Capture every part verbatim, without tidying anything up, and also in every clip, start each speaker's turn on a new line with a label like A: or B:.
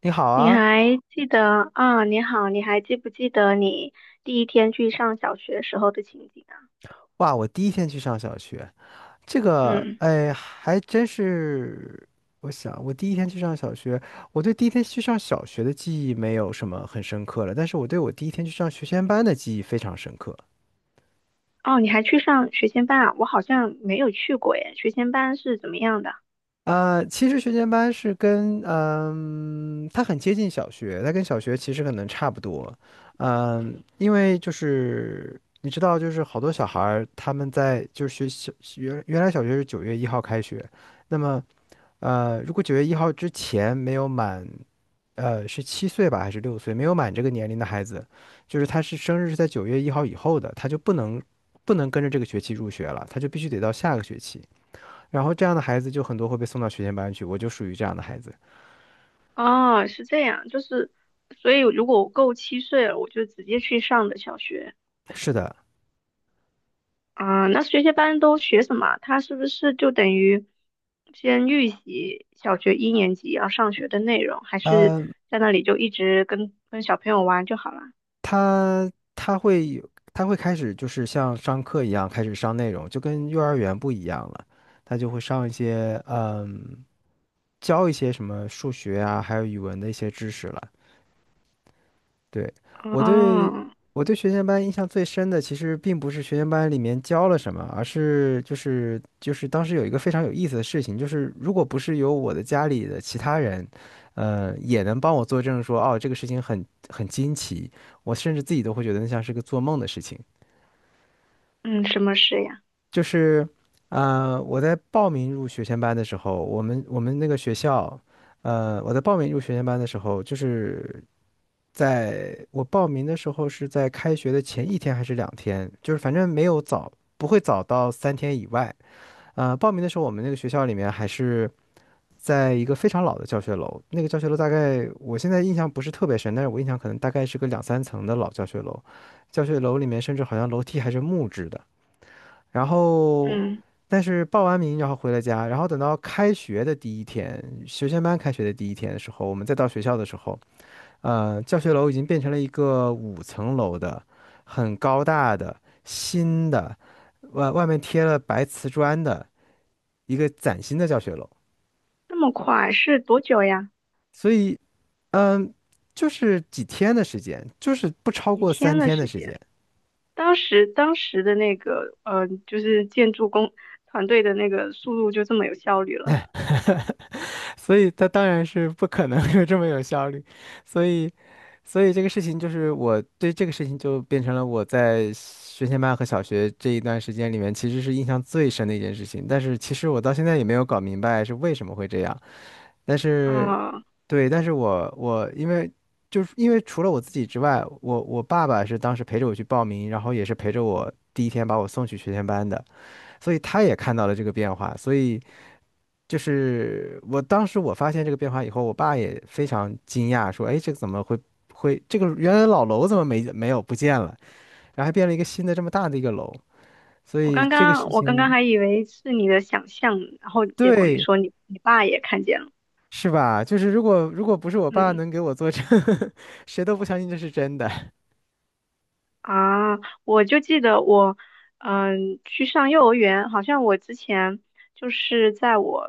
A: 你好
B: 你
A: 啊，
B: 还记得啊？你好，你还记不记得你第一天去上小学时候的情景啊？
A: 哇！我第一天去上小学，这个，
B: 嗯，
A: 哎，还真是。我想，我第一天去上小学，我对第一天去上小学的记忆没有什么很深刻了，但是我对我第一天去上学前班的记忆非常深刻。
B: 哦，你还去上学前班啊？我好像没有去过耶。学前班是怎么样的？
A: 呃，其实学前班是跟，嗯、它很接近小学，它跟小学其实可能差不多。嗯，因为就是你知道，就是好多小孩儿他们在就是学小原原来小学是九月一号开学，那么。呃，如果九月一号之前没有满，呃，是七岁吧，还是六岁，没有满这个年龄的孩子，就是他是生日是在九月一号以后的，他就不能不能跟着这个学期入学了，他就必须得到下个学期。然后这样的孩子就很多会被送到学前班去，我就属于这样的孩子。
B: 哦，是这样，就是，所以如果我够七岁了，我就直接去上的小学。
A: 是的，
B: 啊，那学前班都学什么啊？它是不是就等于先预习小学一年级要上学的内容，还是
A: 呃，
B: 在那里就一直跟跟小朋友玩就好了？
A: 他他会有他会开始就是像上课一样开始上内容，就跟幼儿园不一样了。他就会上一些，嗯，教一些什么数学啊，还有语文的一些知识了。对，我对
B: 哦。
A: 我对学前班印象最深的，其实并不是学前班里面教了什么，而是就是就是当时有一个非常有意思的事情，就是如果不是有我的家里的其他人，呃，也能帮我作证说，哦，这个事情很很惊奇，我甚至自己都会觉得那像是个做梦的事情。
B: 嗯，什么事呀？
A: 就是，呃，我在报名入学前班的时候，我们我们那个学校，呃，我在报名入学前班的时候，就是。在我报名的时候是在开学的前一天还是两天，就是反正没有早，不会早到三天以外。呃，报名的时候我们那个学校里面还是在一个非常老的教学楼，那个教学楼大概我现在印象不是特别深，但是我印象可能大概是个两三层的老教学楼，教学楼里面甚至好像楼梯还是木质的。然后，
B: 嗯，
A: 但是报完名然后回了家，然后等到开学的第一天，学前班开学的第一天的时候，我们再到学校的时候。呃，教学楼已经变成了一个五层楼的，很高大的新的，外外面贴了白瓷砖的一个崭新的教学楼。
B: 那么快是多久呀？
A: 所以，嗯，就是几天的时间，就是不超
B: 几
A: 过
B: 天
A: 三
B: 的
A: 天的
B: 时
A: 时
B: 间？
A: 间。
B: 当时当时的那个呃，就是建筑工团队的那个速度就这么有效率了
A: 所以他当然是不可能有这么有效率，所以，所以这个事情就是我对这个事情就变成了我在学前班和小学这一段时间里面其实是印象最深的一件事情，但是其实我到现在也没有搞明白是为什么会这样，但是，
B: 啊，
A: 对，但是我我因为就是因为除了我自己之外，我我爸爸是当时陪着我去报名，然后也是陪着我第一天把我送去学前班的，所以他也看到了这个变化，所以。就是我当时我发现这个变化以后，我爸也非常惊讶，说："哎，这个怎么会会这个原来老楼怎么没没有不见了？然后还变了一个新的这么大的一个楼，所
B: 我
A: 以
B: 刚
A: 这个
B: 刚
A: 事
B: 我刚刚
A: 情，
B: 还以为是你的想象，然后结果你
A: 对，
B: 说你你爸也看见了，
A: 是吧？就是如果如果不是我爸
B: 嗯。
A: 能给我做证，谁都不相信这是真的。
B: 啊，我就记得我，嗯，去上幼儿园，好像我之前就是在我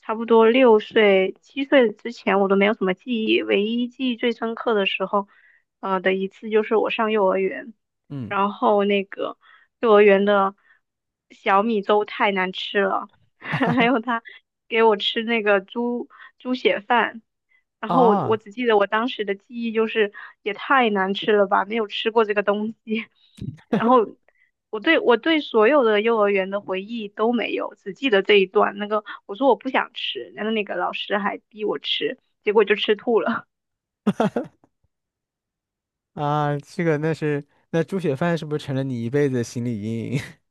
B: 差不多六岁、七岁之前，我都没有什么记忆，唯一记忆最深刻的时候，呃的一次就是我上幼儿园，
A: 嗯，
B: 然后那个幼儿园的小米粥太难吃了，还有他给我吃那个猪猪血饭。然后我我
A: 啊
B: 只记得我当时的记忆就是也太难吃了吧，没有吃过这个东西。然后我对我对所有的幼儿园的回忆都没有，只记得这一段。那个我说我不想吃，然后那个老师还逼我吃，结果就吃吐了。
A: 啊，这个那是那猪血饭是不是成了你一辈子的心理阴影？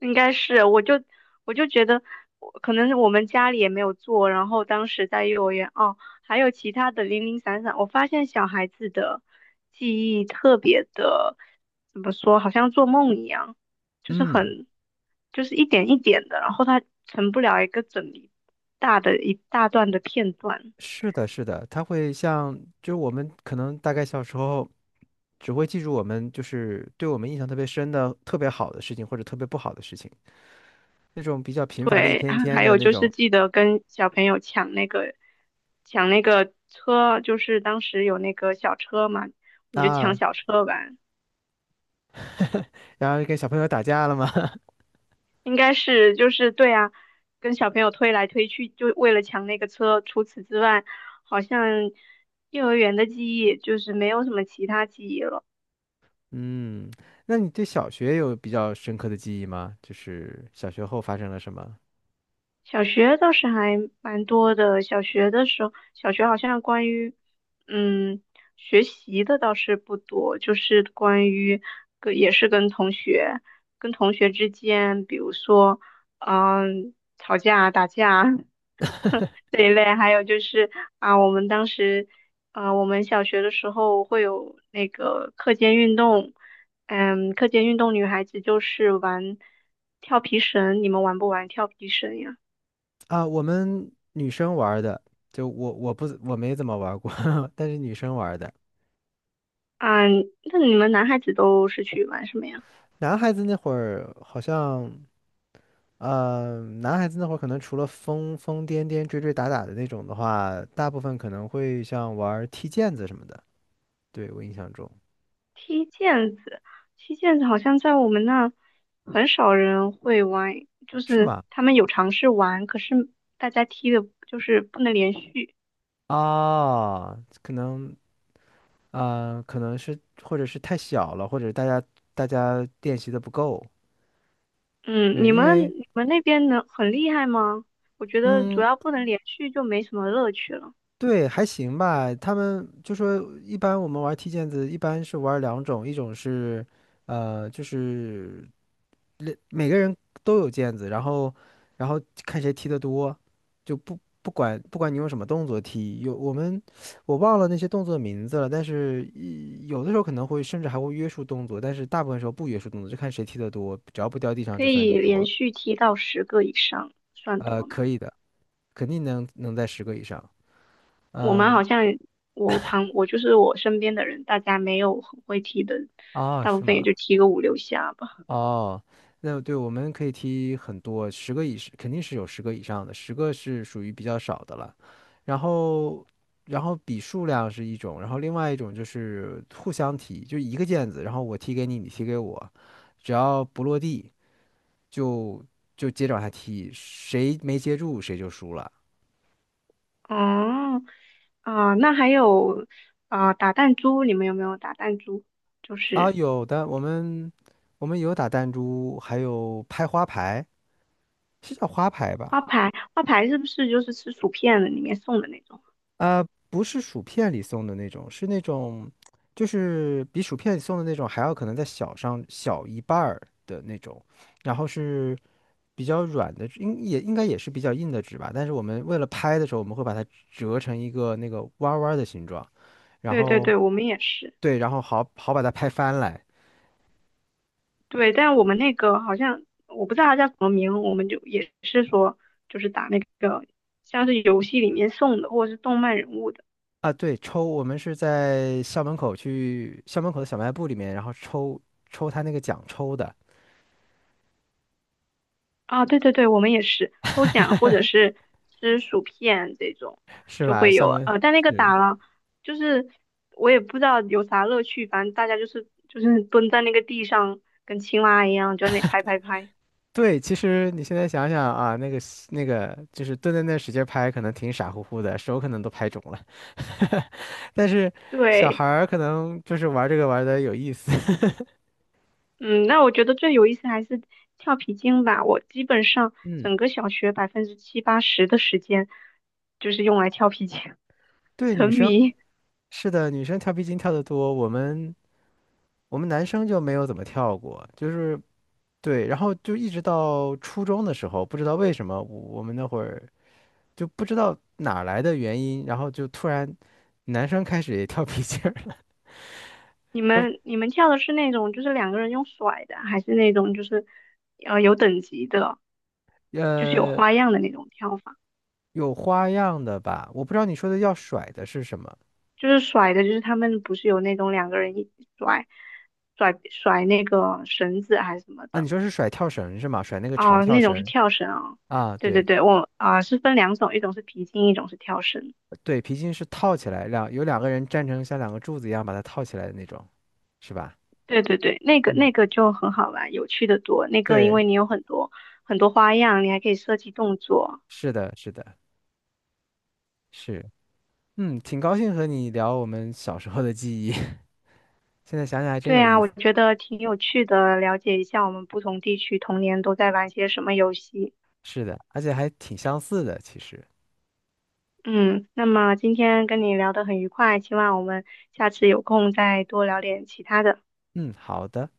B: 应该是，我就我就觉得，我可能是我们家里也没有做，然后当时在幼儿园哦，还有其他的零零散散，我发现小孩子的记忆特别的，怎么说，好像做梦一样，就是
A: 嗯，
B: 很，就是一点一点的，然后他成不了一个整理大的一大段的片段。
A: 是的，是的，它会像就是我们可能大概小时候。只会记住我们就是对我们印象特别深的、特别好的事情，或者特别不好的事情，那种比较平凡的一
B: 对，
A: 天 天
B: 还
A: 的
B: 有
A: 那
B: 就是
A: 种
B: 记得跟小朋友抢那个抢那个车，就是当时有那个小车嘛，我们就抢
A: 啊，
B: 小车玩。
A: 然后跟小朋友打架了吗？
B: 应该是就是对啊，跟小朋友推来推去，就为了抢那个车。除此之外，好像幼儿园的记忆就是没有什么其他记忆了。
A: 嗯，那你对小学有比较深刻的记忆吗？就是小学后发生了什么？
B: 小学倒是还蛮多的。小学的时候，小学好像关于嗯学习的倒是不多，就是关于跟也是跟同学跟同学之间，比如说嗯吵架打架 这一类，还有就是啊我们当时呃我们小学的时候会有那个课间运动，嗯课间运动女孩子就是玩跳皮绳，你们玩不玩跳皮绳呀？
A: 啊，我们女生玩儿的，就我我不我没怎么玩儿过，但是女生玩儿的。
B: 嗯，那你们男孩子都是去玩什么呀？
A: 男孩子那会儿好像呃，男孩子那会儿可能除了疯疯癫癫、追追打打的那种的话，大部分可能会像玩儿踢毽子什么的。对，我印象中。
B: 踢毽子，踢毽子好像在我们那很少人会玩，就
A: 是
B: 是
A: 吗？
B: 他们有尝试玩，可是大家踢的就是不能连续。
A: 啊，可能啊、呃可能是或者是太小了，或者大家大家练习的不够。
B: 嗯，
A: 对，
B: 你
A: 因
B: 们
A: 为
B: 你们那边能很厉害吗？我觉得主
A: 嗯，
B: 要不能连续就没什么乐趣了，
A: 对，还行吧。他们就说，一般我们玩踢毽子，一般是玩两种，一种是呃，就是每个人都有毽子，然后然后看谁踢得多，就不不管不管你用什么动作踢，有我们我忘了那些动作的名字了，但是一有的时候可能会甚至还会约束动作，但是大部分时候不约束动作，就看谁踢得多，只要不掉地上
B: 可
A: 就算你
B: 以连
A: 多。
B: 续踢到十个以上算
A: 呃，
B: 多
A: 可
B: 吗？
A: 以的，肯定能能在十个以上。
B: 我们
A: 嗯，
B: 好像我旁我就是我身边的人，大家没有很会踢的，
A: 啊，
B: 大部
A: 是
B: 分也就
A: 吗？
B: 踢个五六下吧。
A: 哦，那对，我们可以踢很多，十个以上肯定是有十个以上的，十个是属于比较少的了。然后，然后比数量是一种，然后另外一种就是互相踢，就一个毽子，然后我踢给你，你踢给我，只要不落地就就接着往下踢，谁没接住谁就输了。
B: 哦，啊、那还有啊、打弹珠，你们有没有打弹珠？就
A: 啊，
B: 是
A: 有的，我们我们有打弹珠，还有拍花牌，是叫花牌
B: 花
A: 吧？
B: 牌，花牌是不是就是吃薯片的里面送的那种？
A: 呃，不是薯片里送的那种，是那种，就是比薯片里送的那种还要可能再小上小一半儿的那种，然后是比较软的，应也应该也是比较硬的纸吧，但是我们为了拍的时候，我们会把它折成一个那个弯儿弯儿的形状，然
B: 对对
A: 后
B: 对，我们也是。
A: 对，然后好好把它拍翻来。
B: 对，但我们那个好像我不知道它叫什么名，我们就也是说就是打那个像是游戏里面送的，或者是动漫人物的。
A: 啊，对，抽，我们是在校门口去校门口的小卖部里面，然后抽抽他那个奖抽的，
B: 啊，对对对，我们也是抽奖或者是吃薯片这种
A: 是
B: 就
A: 吧？
B: 会
A: 校
B: 有，
A: 门。
B: 呃，但那个打了，就是我也不知道有啥乐趣，反正大家就是就是蹲在那个地上，跟青蛙一样，就在那里拍拍拍。
A: 对，其实你现在想想啊，那个那个就是蹲在那使劲拍，可能挺傻乎乎的，手可能都拍肿了。但是小
B: 对，
A: 孩儿可能就是玩这个玩的有意思。
B: 嗯，那我觉得最有意思还是跳皮筋吧，我基本上
A: 嗯，
B: 整个小学百分之七八十的时间就是用来跳皮筋，
A: 对，女
B: 沉
A: 生
B: 迷。
A: 是的，女生跳皮筋跳得多，我们我们男生就没有怎么跳过，就是对，然后就一直到初中的时候，不知道为什么我我们那会儿就不知道哪儿来的原因，然后就突然男生开始也跳皮筋儿了，
B: 你们 你们跳的是那种就是两个人用甩的，还是那种就是呃有等级的，
A: 就
B: 就是有
A: 呃
B: 花样的那种跳法？
A: 有花样的吧？我不知道你说的要甩的是什么
B: 就是甩的，就是他们不是有那种两个人一起甩甩甩那个绳子还是什么
A: 啊？
B: 的
A: 你说是甩跳绳是吗？甩那个长
B: 啊、
A: 跳
B: 那种是
A: 绳
B: 跳绳啊、
A: 啊？
B: 对对
A: 对
B: 对，我啊、是分两种，一种是皮筋，一种是跳绳。
A: 对，皮筋是套起来，两有两个人站成像两个柱子一样把它套起来的那种，是吧？
B: 对对对，那个
A: 嗯，
B: 那个就很好玩，有趣的多。那个因
A: 对，
B: 为你有很多很多花样，你还可以设计动作。
A: 是的，是的，是，嗯，挺高兴和你聊我们小时候的记忆，现在想想还真
B: 对
A: 有
B: 啊，
A: 意
B: 我
A: 思。
B: 觉得挺有趣的，了解一下我们不同地区童年都在玩些什么游戏。
A: 是的，而且还挺相似的，其实。
B: 嗯，那么今天跟你聊得很愉快，希望我们下次有空再多聊点其他的。
A: 嗯，好的。